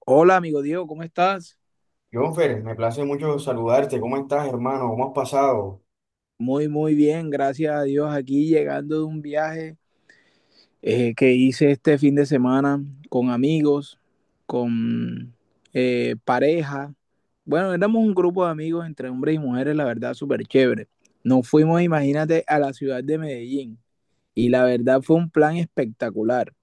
Hola, amigo Diego, ¿cómo estás? Jonfer, me place mucho saludarte. ¿Cómo estás, hermano? ¿Cómo has pasado? Muy, muy bien, gracias a Dios. Aquí llegando de un viaje que hice este fin de semana con amigos, con pareja. Bueno, éramos un grupo de amigos entre hombres y mujeres, la verdad, súper chévere. Nos fuimos, imagínate, a la ciudad de Medellín y la verdad fue un plan espectacular.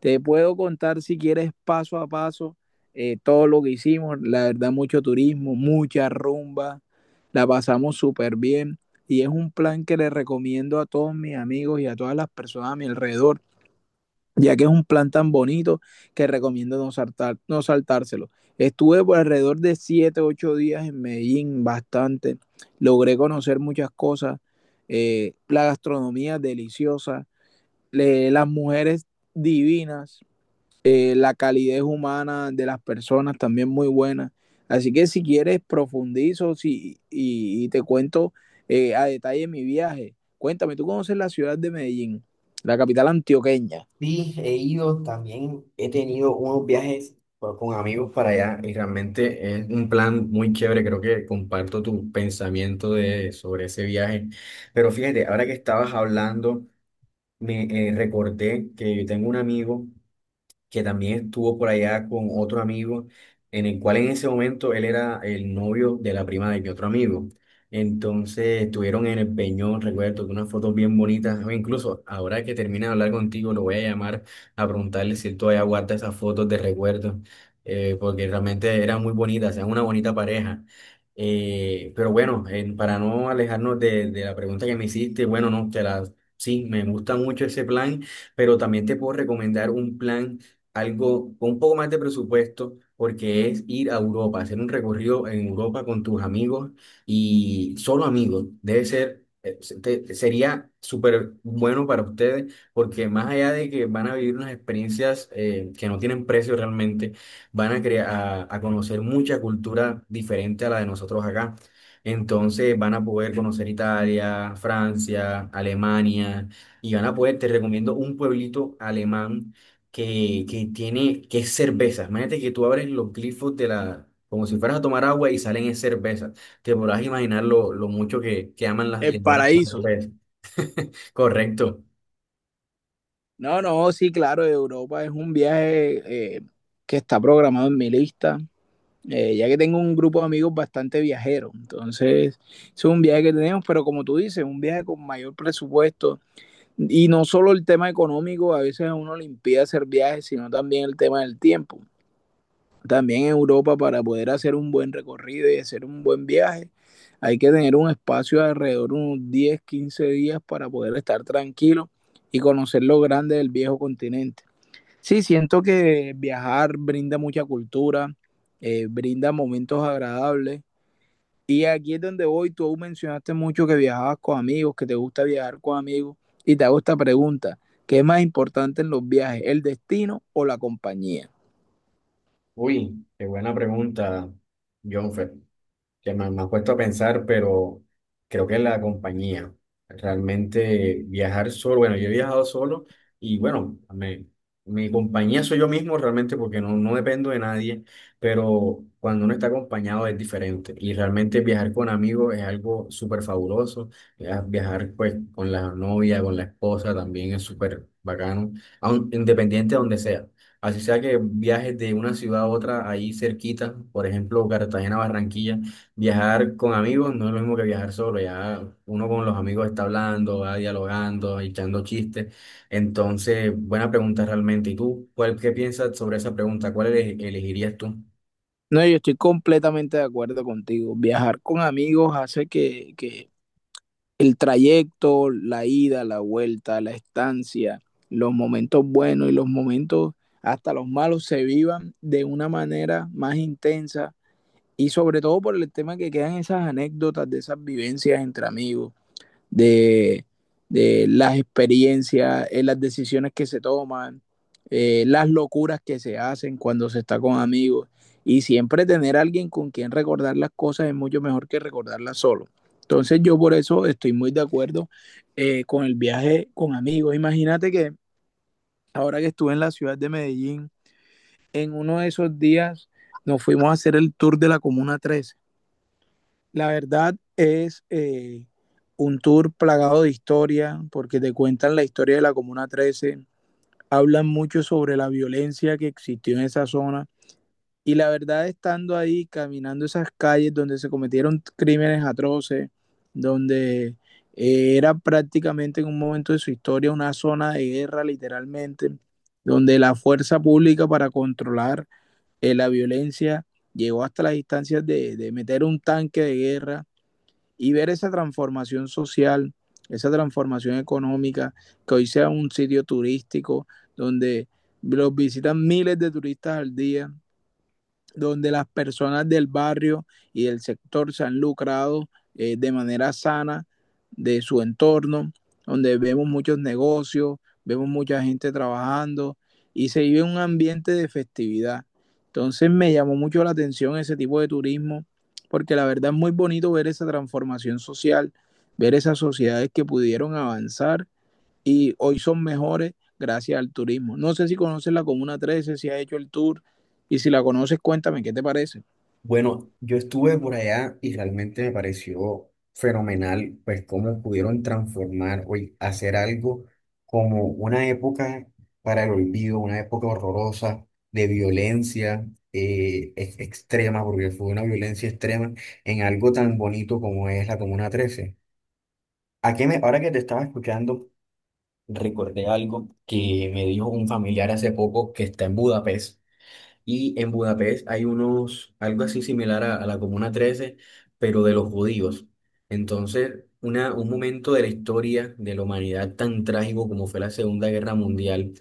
Te puedo contar si quieres paso a paso todo lo que hicimos. La verdad, mucho turismo, mucha rumba. La pasamos súper bien. Y es un plan que le recomiendo a todos mis amigos y a todas las personas a mi alrededor, ya que es un plan tan bonito que recomiendo no saltárselo. Estuve por alrededor de 7, 8 días en Medellín, bastante. Logré conocer muchas cosas. La gastronomía deliciosa, las mujeres divinas, la calidez humana de las personas también muy buena. Así que si quieres profundizo si, y te cuento a detalle mi viaje. Cuéntame, ¿tú conoces la ciudad de Medellín, la capital antioqueña, Sí, he ido, también he tenido unos viajes con amigos para allá y realmente es un plan muy chévere. Creo que comparto tu pensamiento sobre ese viaje. Pero fíjate, ahora que estabas hablando, me recordé que yo tengo un amigo que también estuvo por allá con otro amigo, en el cual en ese momento él era el novio de la prima de mi otro amigo. Entonces estuvieron en el Peñón, recuerdo, que unas fotos bien bonitas. O incluso ahora que termine de hablar contigo, lo voy a llamar a preguntarle si él todavía guarda esas fotos de recuerdo, porque realmente eran muy bonitas, eran una bonita pareja. Pero bueno, para no alejarnos de la pregunta que me hiciste, bueno, no, sí, me gusta mucho ese plan, pero también te puedo recomendar un plan algo con un poco más de presupuesto, porque es ir a Europa, hacer un recorrido en Europa con tus amigos y solo amigos. Debe ser, sería súper bueno para ustedes, porque más allá de que van a vivir unas experiencias que no tienen precio realmente, van a, crea- a conocer mucha cultura diferente a la de nosotros acá. Entonces van a poder conocer Italia, Francia, Alemania y van a poder, te recomiendo un pueblito alemán que es cerveza. Imagínate que tú abres los glifos de la como si fueras a tomar agua y salen es cerveza. Te podrás imaginar lo mucho que aman y el adoran las paraíso? cervezas. Correcto. No, no, sí, claro, Europa es un viaje que está programado en mi lista, ya que tengo un grupo de amigos bastante viajeros. Entonces, es un viaje que tenemos, pero como tú dices, un viaje con mayor presupuesto. Y no solo el tema económico, a veces a uno le impide hacer viajes, sino también el tema del tiempo. También en Europa, para poder hacer un buen recorrido y hacer un buen viaje, hay que tener un espacio de alrededor de unos 10 15 días para poder estar tranquilo y conocer lo grande del viejo continente. Sí, siento que viajar brinda mucha cultura, brinda momentos agradables, y aquí es donde voy, tú aún mencionaste mucho que viajabas con amigos, que te gusta viajar con amigos, y te hago esta pregunta, ¿qué es más importante en los viajes, el destino o la compañía? Uy, qué buena pregunta, Jonfer, me has puesto a pensar, pero creo que la compañía, realmente viajar solo, bueno, yo he viajado solo y bueno, mi compañía soy yo mismo realmente porque no dependo de nadie, pero cuando uno está acompañado es diferente y realmente viajar con amigos es algo súper fabuloso. Viajar pues con la novia, con la esposa también es súper bacano, aun, independiente de donde sea. Así sea que viajes de una ciudad a otra ahí cerquita, por ejemplo, Cartagena, Barranquilla, viajar con amigos no es lo mismo que viajar solo, ya uno con los amigos está hablando, va dialogando, echando chistes. Entonces, buena pregunta realmente. ¿Y tú, qué piensas sobre esa pregunta? ¿Cuál elegirías tú? No, yo estoy completamente de acuerdo contigo. Viajar con amigos hace que el trayecto, la ida, la vuelta, la estancia, los momentos buenos y los momentos hasta los malos se vivan de una manera más intensa, y sobre todo por el tema que quedan esas anécdotas de esas vivencias entre amigos, de, de las experiencias, las decisiones que se toman, las locuras que se hacen cuando se está con amigos. Y siempre tener a alguien con quien recordar las cosas es mucho mejor que recordarlas solo. Entonces yo por eso estoy muy de acuerdo con el viaje con amigos. Imagínate que ahora que estuve en la ciudad de Medellín, en uno de esos días nos fuimos a hacer el tour de la Comuna 13. La verdad es un tour plagado de historia, porque te cuentan la historia de la Comuna trece, hablan mucho sobre la violencia que existió en esa zona. Y la verdad, estando ahí, caminando esas calles donde se cometieron crímenes atroces, donde era prácticamente en un momento de su historia una zona de guerra, literalmente, donde la fuerza pública para controlar la violencia llegó hasta las instancias de meter un tanque de guerra y ver esa transformación social, esa transformación económica, que hoy sea un sitio turístico donde los visitan miles de turistas al día, donde las personas del barrio y del sector se han lucrado de manera sana de su entorno, donde vemos muchos negocios, vemos mucha gente trabajando y se vive un ambiente de festividad. Entonces me llamó mucho la atención ese tipo de turismo, porque la verdad es muy bonito ver esa transformación social, ver esas sociedades que pudieron avanzar y hoy son mejores gracias al turismo. No sé si conoces la Comuna trece, si has hecho el tour, y si la conoces, cuéntame, ¿qué te parece? Bueno, yo estuve por allá y realmente me pareció fenomenal, pues cómo pudieron transformar o y hacer algo como una época para el olvido, una época horrorosa de violencia extrema, porque fue una violencia extrema, en algo tan bonito como es la Comuna 13. ¿A qué me, ahora que te estaba escuchando, recordé algo que me dijo un familiar hace poco que está en Budapest y en Budapest hay unos, algo así similar a la Comuna 13, pero de los judíos. Entonces, un momento de la historia de la humanidad tan trágico como fue la Segunda Guerra Mundial,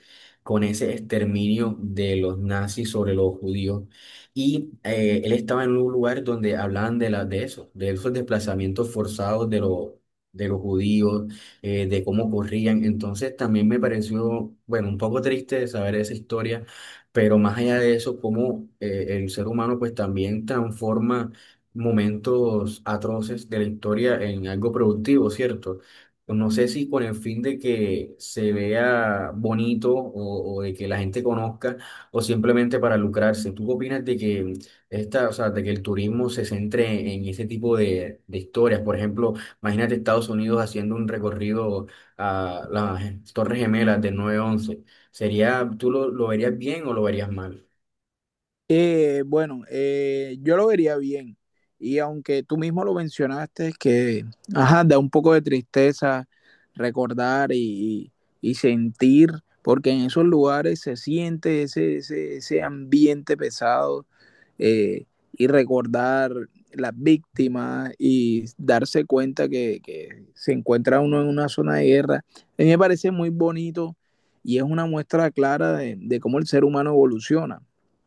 con ese exterminio de los nazis sobre los judíos. Y él estaba en un lugar donde hablaban de eso, de esos desplazamientos forzados de los judíos, de cómo corrían. Entonces, también me pareció, bueno, un poco triste saber esa historia, pero más allá de eso, cómo el ser humano pues también transforma momentos atroces de la historia en algo productivo, ¿cierto? No sé si con el fin de que se vea bonito o de que la gente conozca o simplemente para lucrarse. ¿Tú qué opinas de que o sea, de que el turismo se centre en ese tipo de historias? Por ejemplo, imagínate Estados Unidos haciendo un recorrido a las Torres Gemelas del nueve once. Sería, ¿tú lo verías bien o lo verías mal? Bueno, yo lo vería bien, y aunque tú mismo lo mencionaste, que ajá, da un poco de tristeza recordar y sentir, porque en esos lugares se siente ese ambiente pesado, eh, y recordar las víctimas y darse cuenta se encuentra uno en una zona de guerra. A mí me parece muy bonito y es una muestra clara de cómo el ser humano evoluciona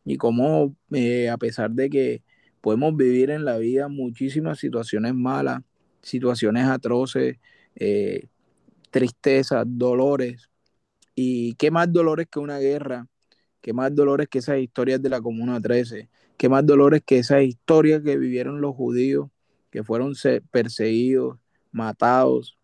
y cómo a pesar de que podemos vivir en la vida muchísimas situaciones malas, situaciones atroces, eh, tristezas, dolores, y qué más dolores que una guerra, qué más dolores que esas historias de la Comuna 13, qué más dolores que esas historias que vivieron los judíos, que fueron perseguidos, matados,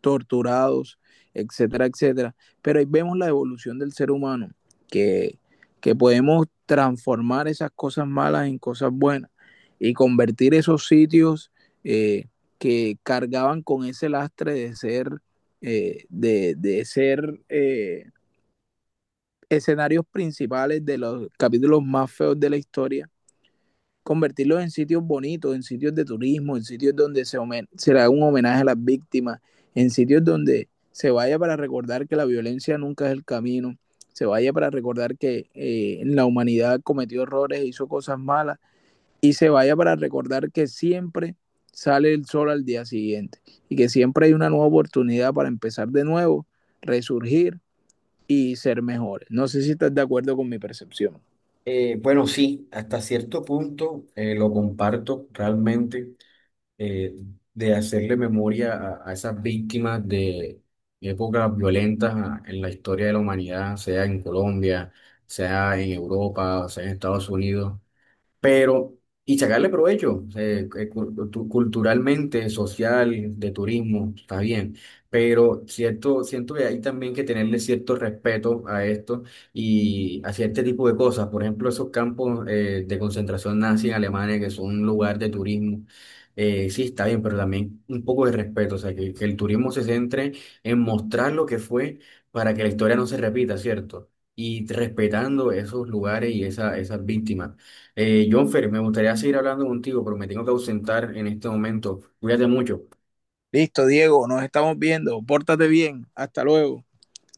torturados, etcétera, etcétera. Pero ahí vemos la evolución del ser humano, que, que podemos transformar esas cosas malas en cosas buenas y convertir esos sitios eh, que cargaban con ese lastre de ser, eh, de, de, ser eh, escenarios principales de los capítulos más feos de la historia, convertirlos en sitios bonitos, en sitios de turismo, en sitios donde se le haga un homenaje a las víctimas, en sitios donde se vaya para recordar que la violencia nunca es el camino, se vaya para recordar que la humanidad cometió errores e hizo cosas malas, y se vaya para recordar que siempre sale el sol al día siguiente y que siempre hay una nueva oportunidad para empezar de nuevo, resurgir y ser mejores. No sé si estás de acuerdo con mi percepción. Bueno, sí, hasta cierto punto lo comparto realmente, eh, de hacerle memoria a esas víctimas de épocas violentas en la historia de la humanidad, sea en Colombia, sea en Europa, sea en Estados Unidos, pero, y sacarle provecho culturalmente, social, de turismo, está bien, pero cierto, siento que hay también que tenerle cierto respeto a esto y hacia este tipo de cosas, por ejemplo, esos campos de concentración nazi en Alemania que son un lugar de turismo. Sí, está bien, pero también un poco de respeto, o sea, que el turismo se centre en mostrar lo que fue para que la historia no se repita, ¿cierto? Y respetando esos lugares y esas víctimas. Jonfer, me gustaría seguir hablando contigo, pero me tengo que ausentar en este momento. Cuídate mucho. Listo, Diego, nos estamos viendo. Pórtate bien. Hasta luego.